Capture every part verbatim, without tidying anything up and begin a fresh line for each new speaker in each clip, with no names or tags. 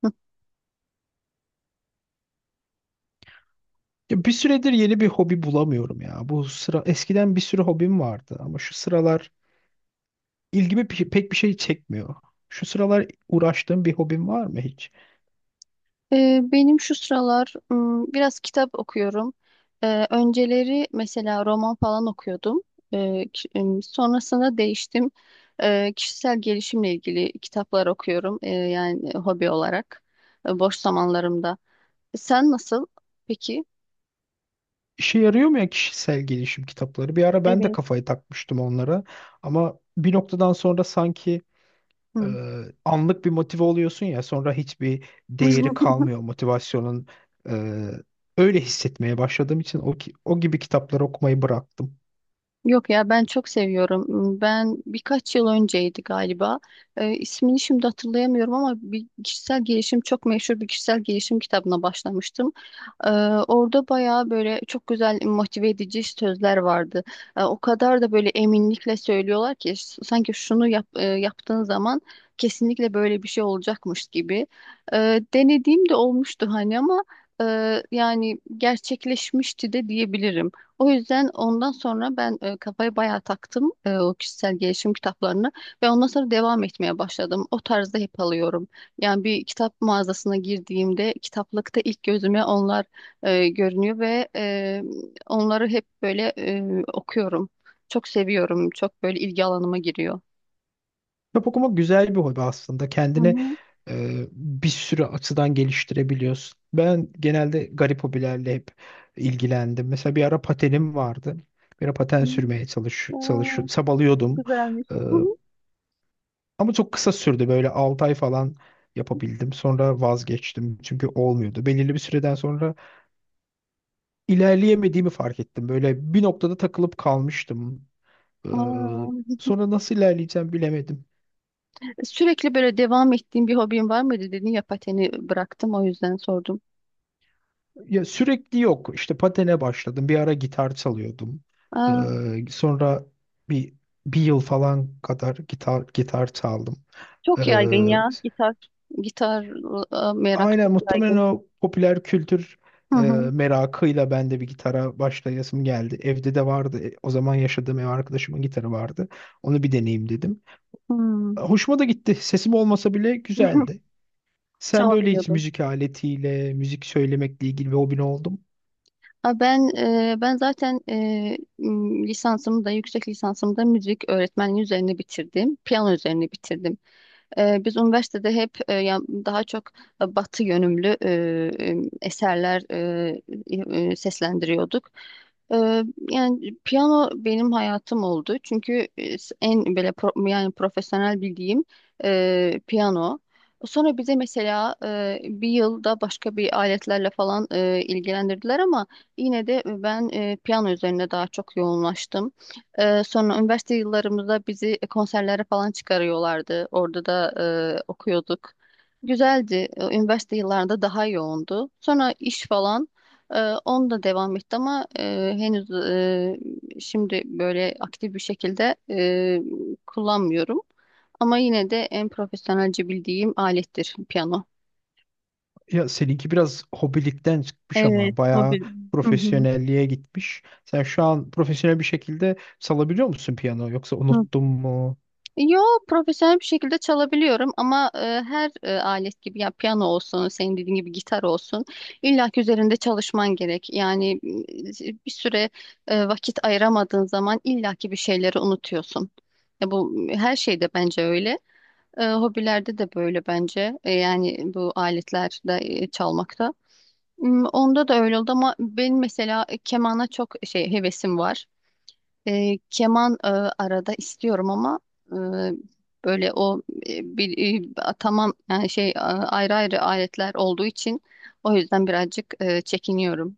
Hı.
Ya bir süredir yeni bir hobi bulamıyorum ya. Bu sıra eskiden bir sürü hobim vardı ama şu sıralar ilgimi pe- pek bir şey çekmiyor. Şu sıralar uğraştığım bir hobim var mı hiç?
Ee, benim şu sıralar ım, biraz kitap okuyorum. Ee, önceleri mesela roman falan okuyordum. Ee, ki- ım, sonrasında değiştim. Ee, kişisel gelişimle ilgili kitaplar okuyorum. Ee, yani hobi olarak e, boş zamanlarımda. Sen nasıl? Peki.
İşe yarıyor mu ya kişisel gelişim kitapları? Bir ara ben de
Evet.
kafayı takmıştım onlara ama bir noktadan sonra sanki e,
Hı.
anlık bir motive oluyorsun ya sonra hiçbir değeri kalmıyor motivasyonun. E, Öyle hissetmeye başladığım için o, ki- o gibi kitapları okumayı bıraktım.
Yok ya, ben çok seviyorum. Ben birkaç yıl önceydi galiba. Ee, ismini şimdi hatırlayamıyorum ama bir kişisel gelişim çok meşhur bir kişisel gelişim kitabına başlamıştım. Ee, Orada bayağı böyle çok güzel motive edici sözler vardı. Ee, o kadar da böyle eminlikle söylüyorlar ki s- sanki şunu yap, e, yaptığın zaman kesinlikle böyle bir şey olacakmış gibi. Ee, denediğim de olmuştu hani ama e, yani gerçekleşmişti de diyebilirim. O yüzden ondan sonra ben e, kafayı bayağı taktım, e, o kişisel gelişim kitaplarına ve ondan sonra devam etmeye başladım. O tarzda hep alıyorum. Yani bir kitap mağazasına girdiğimde kitaplıkta ilk gözüme onlar e, görünüyor ve e, onları hep böyle e, okuyorum. Çok seviyorum. Çok böyle ilgi alanıma giriyor.
Kitap okumak güzel bir hobi aslında.
Hı
Kendini
hı.
e, bir sürü açıdan geliştirebiliyorsun. Ben genelde garip hobilerle hep ilgilendim. Mesela bir ara patenim vardı. Bir ara paten
Hı.
sürmeye çalış, çalış
Aa, çok
çabalıyordum.
güzelmiş.
E,
Hı hı.
ama çok kısa sürdü. Böyle 6 ay falan yapabildim. Sonra vazgeçtim. Çünkü olmuyordu. Belirli bir süreden sonra ilerleyemediğimi fark ettim. Böyle bir noktada takılıp kalmıştım. E,
Aa,
sonra nasıl ilerleyeceğim bilemedim.
sürekli böyle devam ettiğim bir hobin var mıydı dedin ya, pateni bıraktım, o yüzden sordum.
Ya sürekli yok. İşte patene başladım. Bir ara gitar çalıyordum. Ee,
Aa,
sonra bir bir yıl falan kadar gitar gitar çaldım. Ee,
çok yaygın ya gitar. Gitar e, merakı
aynen
çok
muhtemelen
yaygın.
o popüler kültür
Hı
e,
hı.
merakıyla ben de bir gitara başlayasım geldi. Evde de vardı. E, O zaman yaşadığım ev arkadaşımın gitarı vardı. Onu bir deneyeyim dedim.
Hmm.
Hoşuma da gitti. Sesim olmasa bile güzeldi. Sen böyle hiç
Çalabiliyordum.
müzik aletiyle, müzik söylemekle ilgili bir hobin oldu mu?
Ha, Ben e, ben zaten e, m, lisansımı da yüksek lisansımı da müzik öğretmenliği üzerine bitirdim. Piyano üzerine bitirdim. Ee, biz üniversitede hep e, ya- daha çok e, batı yönümlü e, e, eserler e, e, seslendiriyorduk. Ee, Yani piyano benim hayatım oldu. Çünkü e, en böyle pro- yani profesyonel bildiğim e, piyano. Sonra bize mesela e, bir yılda başka bir aletlerle falan e, ilgilendirdiler ama yine de ben e, piyano üzerine daha çok yoğunlaştım. Ee, sonra üniversite yıllarımızda bizi e, konserlere falan çıkarıyorlardı. Orada da e, okuyorduk. Güzeldi. Ee, Üniversite yıllarında daha yoğundu. Sonra iş falan e, onu da devam etti ama e, henüz e, şimdi böyle aktif bir şekilde e, kullanmıyorum. Ama yine de en profesyonelce bildiğim alettir piyano.
Ya seninki biraz hobilikten çıkmış
Evet,
ama bayağı
tabii. Hı hı.
profesyonelliğe gitmiş. Sen şu an profesyonel bir şekilde salabiliyor musun piyano yoksa
Hı.
unuttun mu?
Yo, profesyonel bir şekilde çalabiliyorum ama e, her e, alet gibi, ya piyano olsun, senin dediğin gibi gitar olsun, illa ki üzerinde çalışman gerek. Yani e, bir süre e, vakit ayıramadığın zaman illa ki bir şeyleri unutuyorsun. Ya bu her şeyde bence öyle. E, hobilerde de böyle bence. E, yani bu aletlerde e, çalmakta. M, Onda da öyle oldu ama benim mesela kemana çok şey hevesim var. E, keman e, arada istiyorum ama e, böyle o e, bir, e, tamam, yani şey e, ayrı ayrı aletler olduğu için o yüzden birazcık e, çekiniyorum.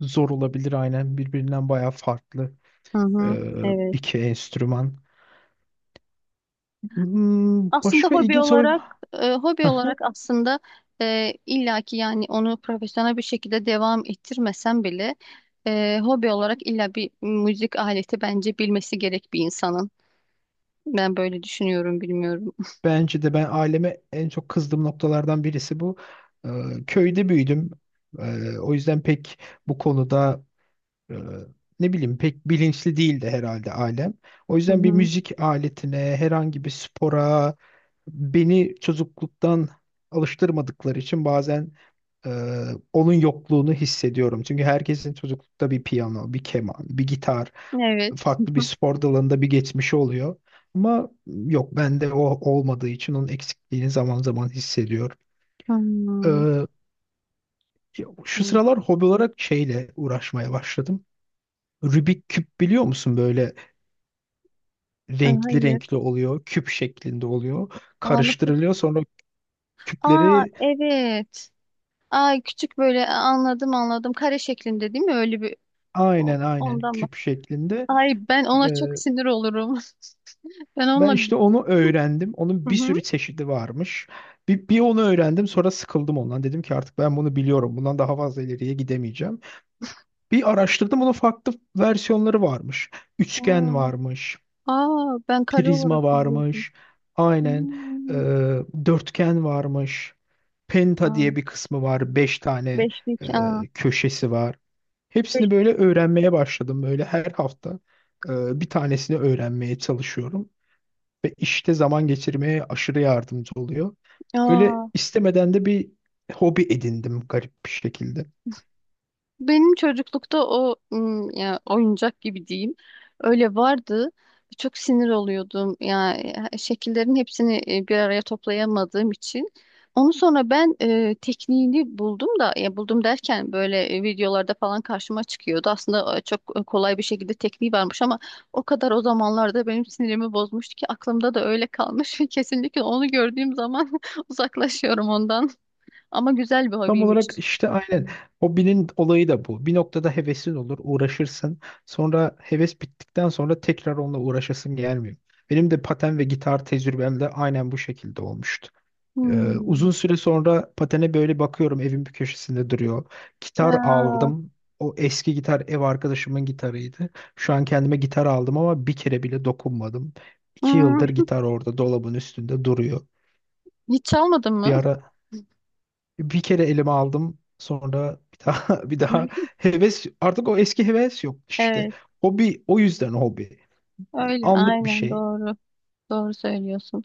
Zor olabilir aynen birbirinden bayağı farklı
Hı hı,
e,
evet.
iki enstrüman. Hmm,
Aslında
başka
hobi
ilginç olayım.
olarak e, Hobi olarak aslında e, illaki, yani onu profesyonel bir şekilde devam ettirmesem bile e, hobi olarak illa bir müzik aleti bence bilmesi gerek bir insanın. Ben böyle düşünüyorum, bilmiyorum.
Bence de ben aileme en çok kızdığım noktalardan birisi bu. E, köyde büyüdüm. E, o yüzden pek bu konuda e, ne bileyim pek bilinçli değildi herhalde ailem. O
Hı
yüzden bir
hı.
müzik aletine, herhangi bir spora beni çocukluktan alıştırmadıkları için bazen e, onun yokluğunu hissediyorum. Çünkü herkesin çocuklukta bir piyano, bir keman, bir gitar,
Evet.
farklı bir spor dalında bir geçmişi oluyor. Ama yok bende o olmadığı için onun eksikliğini zaman zaman hissediyorum.
Hmm.
E, şu
Hmm.
sıralar hobi olarak şeyle uğraşmaya başladım. Rubik küp biliyor musun? Böyle
E,
renkli
Hayır.
renkli oluyor, küp şeklinde oluyor.
Ağlısı.
Karıştırılıyor sonra
Aa,
küpleri
evet. Ay, küçük, böyle anladım anladım. Kare şeklinde değil mi? Öyle bir. O-
aynen aynen
ondan mı?
küp şeklinde.
Ay, ben ona çok
Ee,
sinir olurum. Ben
ben
onunla. Hı
işte onu öğrendim. Onun bir
hı.
sürü çeşidi varmış. Bir, bir onu öğrendim sonra sıkıldım ondan. Dedim ki artık ben bunu biliyorum. Bundan daha fazla ileriye gidemeyeceğim. Bir araştırdım onun farklı versiyonları varmış. Üçgen
Aa,
varmış.
aa, ben kare
Prizma
olarak biliyordum.
varmış. Aynen. Ee,
Hmm.
dörtgen varmış. Penta
Aa,
diye bir kısmı var. Beş tane
beşlik.
e,
Aa.
köşesi var.
Beş.
Hepsini böyle öğrenmeye başladım. Böyle her hafta e, bir tanesini öğrenmeye çalışıyorum. Ve işte zaman geçirmeye aşırı yardımcı oluyor. Öyle
Aa.
istemeden de bir hobi edindim garip bir şekilde.
Benim çocuklukta o ım, ya, oyuncak gibi diyeyim. Öyle vardı. Çok sinir oluyordum. Ya, e, şekillerin hepsini e, bir araya toplayamadığım için. Onu sonra ben e, tekniğini buldum, da ya buldum derken böyle e, videolarda falan karşıma çıkıyordu. Aslında e, çok e, kolay bir şekilde tekniği varmış ama o kadar o zamanlarda benim sinirimi bozmuştu ki aklımda da öyle kalmış. Kesinlikle onu gördüğüm zaman uzaklaşıyorum ondan. Ama güzel bir
Tam olarak
hobiymiş.
işte aynen hobinin olayı da bu. Bir noktada hevesin olur, uğraşırsın. Sonra heves bittikten sonra tekrar onunla uğraşasın gelmiyor. Benim de paten ve gitar tecrübem de aynen bu şekilde olmuştu. Ee,
Hmm.
uzun süre sonra patene böyle bakıyorum evin bir köşesinde duruyor.
Ya.
Gitar aldım. O eski gitar ev arkadaşımın gitarıydı. Şu an kendime gitar aldım ama bir kere bile dokunmadım. İki yıldır
Hmm,
gitar orada dolabın üstünde duruyor.
hiç çalmadın
Bir
mı?
ara bir kere elime aldım. Sonra bir daha bir daha heves artık o eski heves yok işte.
Evet,
Hobi o yüzden hobi.
öyle
Anlık bir
aynen
şey.
doğru. Doğru söylüyorsun.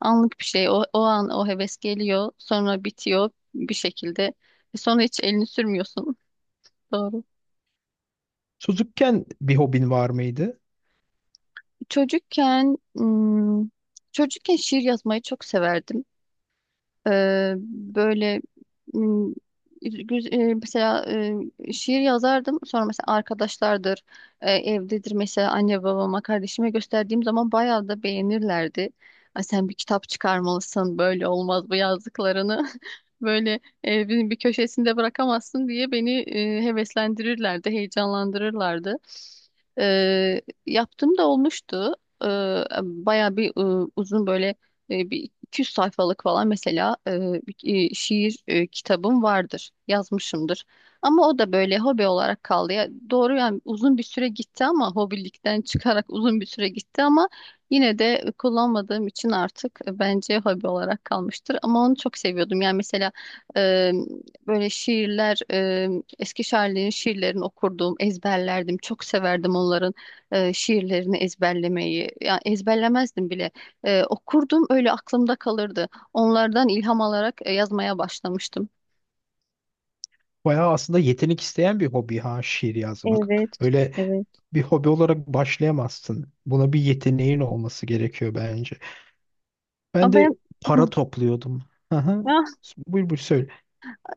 Anlık bir şey. O, o an o heves geliyor, sonra bitiyor bir şekilde. E, Sonra hiç elini sürmüyorsun. Doğru.
Çocukken bir hobin var mıydı?
Çocukken hmm, Çocukken şiir yazmayı çok severdim. Ee, böyle, Hmm, güz- e, mesela e, şiir yazardım. Sonra mesela arkadaşlardır, e, evdedir, mesela anne babama, kardeşime gösterdiğim zaman bayağı da beğenirlerdi. Ay, sen bir kitap çıkarmalısın, böyle olmaz bu yazdıklarını. Böyle evin bir köşesinde bırakamazsın diye beni e, heveslendirirlerdi, heyecanlandırırlardı. E, Yaptığım da olmuştu. E, Bayağı bir e, uzun, böyle e, bir iki yüz sayfalık falan, mesela e, bir- e, şiir e, kitabım vardır. Yazmışımdır. Ama o da böyle hobi olarak kaldı. Ya, doğru, yani uzun bir süre gitti ama hobilikten çıkarak uzun bir süre gitti ama yine de kullanmadığım için artık e, bence hobi olarak kalmıştır. Ama onu çok seviyordum. Yani mesela e, böyle şiirler, e, eski şairlerin şiirlerini okurdum, ezberlerdim. Çok severdim onların e, şiirlerini ezberlemeyi. Yani ezberlemezdim bile, e, okurdum, öyle aklımda kalırdı. Onlardan ilham alarak e, yazmaya başlamıştım.
Bayağı aslında yetenek isteyen bir hobi ha şiir yazmak.
Evet,
Öyle
evet.
bir hobi olarak başlayamazsın. Buna bir yeteneğin olması gerekiyor bence. Ben
Ama ben.
de para
Hı.
topluyordum. Aha.
Ah,
Buyur buyur söyle.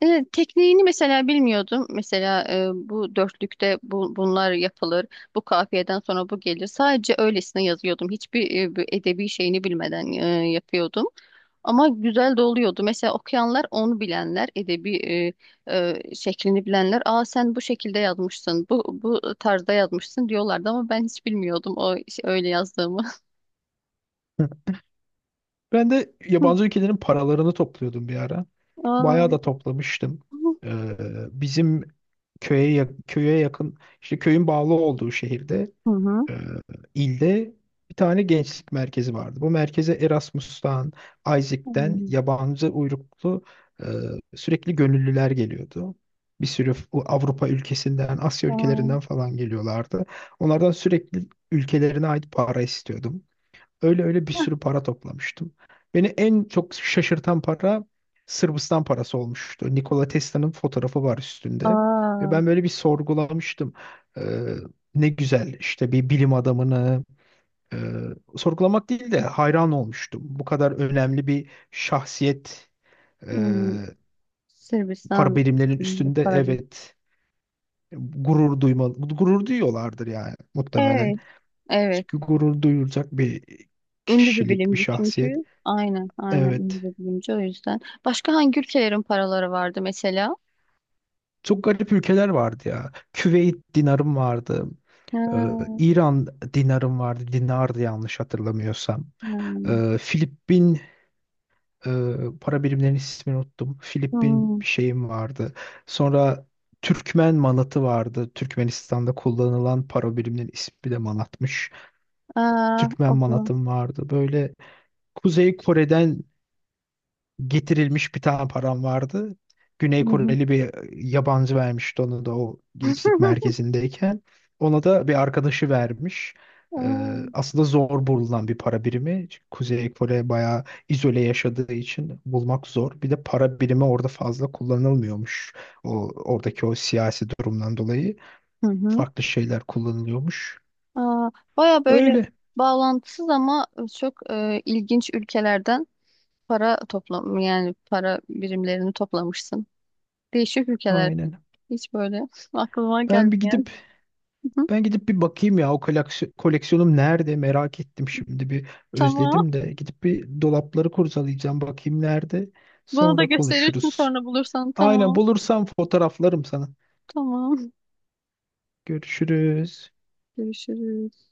evet, tekniğini mesela bilmiyordum. Mesela e, bu dörtlükte bu, bunlar yapılır. Bu kafiyeden sonra bu gelir. Sadece öylesine yazıyordum. Hiçbir e, bir edebi şeyini bilmeden e, yapıyordum. Ama güzel de oluyordu. Mesela okuyanlar, onu bilenler, edebi e, e, şeklini bilenler, "Aa, sen bu şekilde yazmışsın, bu bu tarzda yazmışsın" diyorlardı ama ben hiç bilmiyordum o iş- öyle yazdığımı.
Ben de yabancı ülkelerin paralarını topluyordum bir ara.
Aa.
Bayağı da toplamıştım. Ee, bizim köye yak- köye yakın işte köyün bağlı olduğu şehirde
Hı hı.
e, ilde bir tane gençlik merkezi vardı. Bu merkeze Erasmus'tan, Isaac'ten
Hmm.
yabancı uyruklu e, sürekli gönüllüler geliyordu. Bir sürü f- Avrupa ülkesinden, Asya ülkelerinden
Aa.
falan geliyorlardı. Onlardan sürekli ülkelerine ait para istiyordum. Öyle öyle bir sürü para toplamıştım. Beni en çok şaşırtan para Sırbistan parası olmuştu. Nikola Tesla'nın fotoğrafı var üstünde. Ve
Aa.
ben böyle bir sorgulamıştım. Ee, ne güzel işte bir bilim adamını e, sorgulamak değil de hayran olmuştum. Bu kadar önemli bir şahsiyet e,
Hmm.
para
Sırbistan,
birimlerinin
bilimci,
üstünde,
Farabi.
evet, gurur duymalı. Gurur duyuyorlardır yani muhtemelen.
Evet. Evet.
Çünkü gurur duyulacak bir
Ünlü bir
kişilik, bir
bilimci
şahsiyet.
çünkü. Aynen, aynen ünlü
Evet.
bir bilimci o yüzden. Başka hangi ülkelerin paraları vardı mesela?
Çok garip ülkeler vardı ya. Küveyt dinarım vardı. Ee,
Ha,
İran dinarım vardı. Dinardı yanlış hatırlamıyorsam.
hmm.
Ee, Filipin e, para birimlerinin ismini unuttum. Filipin
Hmm.
bir şeyim vardı. Sonra Türkmen manatı vardı. Türkmenistan'da kullanılan para biriminin ismi de manatmış.
Aa,
Türkmen
o da.
manatım vardı. Böyle Kuzey Kore'den getirilmiş bir tane param vardı. Güney
Hı hı.
Koreli bir yabancı vermişti onu da o gençlik merkezindeyken. Ona da bir arkadaşı vermiş. Ee,
Aa,
aslında zor bulunan bir para birimi. Çünkü Kuzey Kore bayağı izole yaşadığı için bulmak zor. Bir de para birimi orada fazla kullanılmıyormuş. O oradaki o siyasi durumdan dolayı
hı hı.
farklı şeyler kullanılıyormuş.
Aa, baya böyle
Öyle.
bağlantısız ama çok e, ilginç ülkelerden para toplam, yani para birimlerini toplamışsın. Değişik ülkeler.
Aynen.
Hiç böyle aklıma
Ben bir
gelmeyen.
gidip
Hı hı.
Ben gidip bir bakayım ya o koleksi- koleksiyonum nerede, merak ettim şimdi, bir
Tamam.
özledim de gidip bir dolapları kurcalayacağım, bakayım nerede,
Bana da
sonra
gösterirsin
konuşuruz.
sonra bulursan.
Aynen,
Tamam.
bulursam fotoğraflarım sana.
Tamam.
Görüşürüz.
Görüşürüz.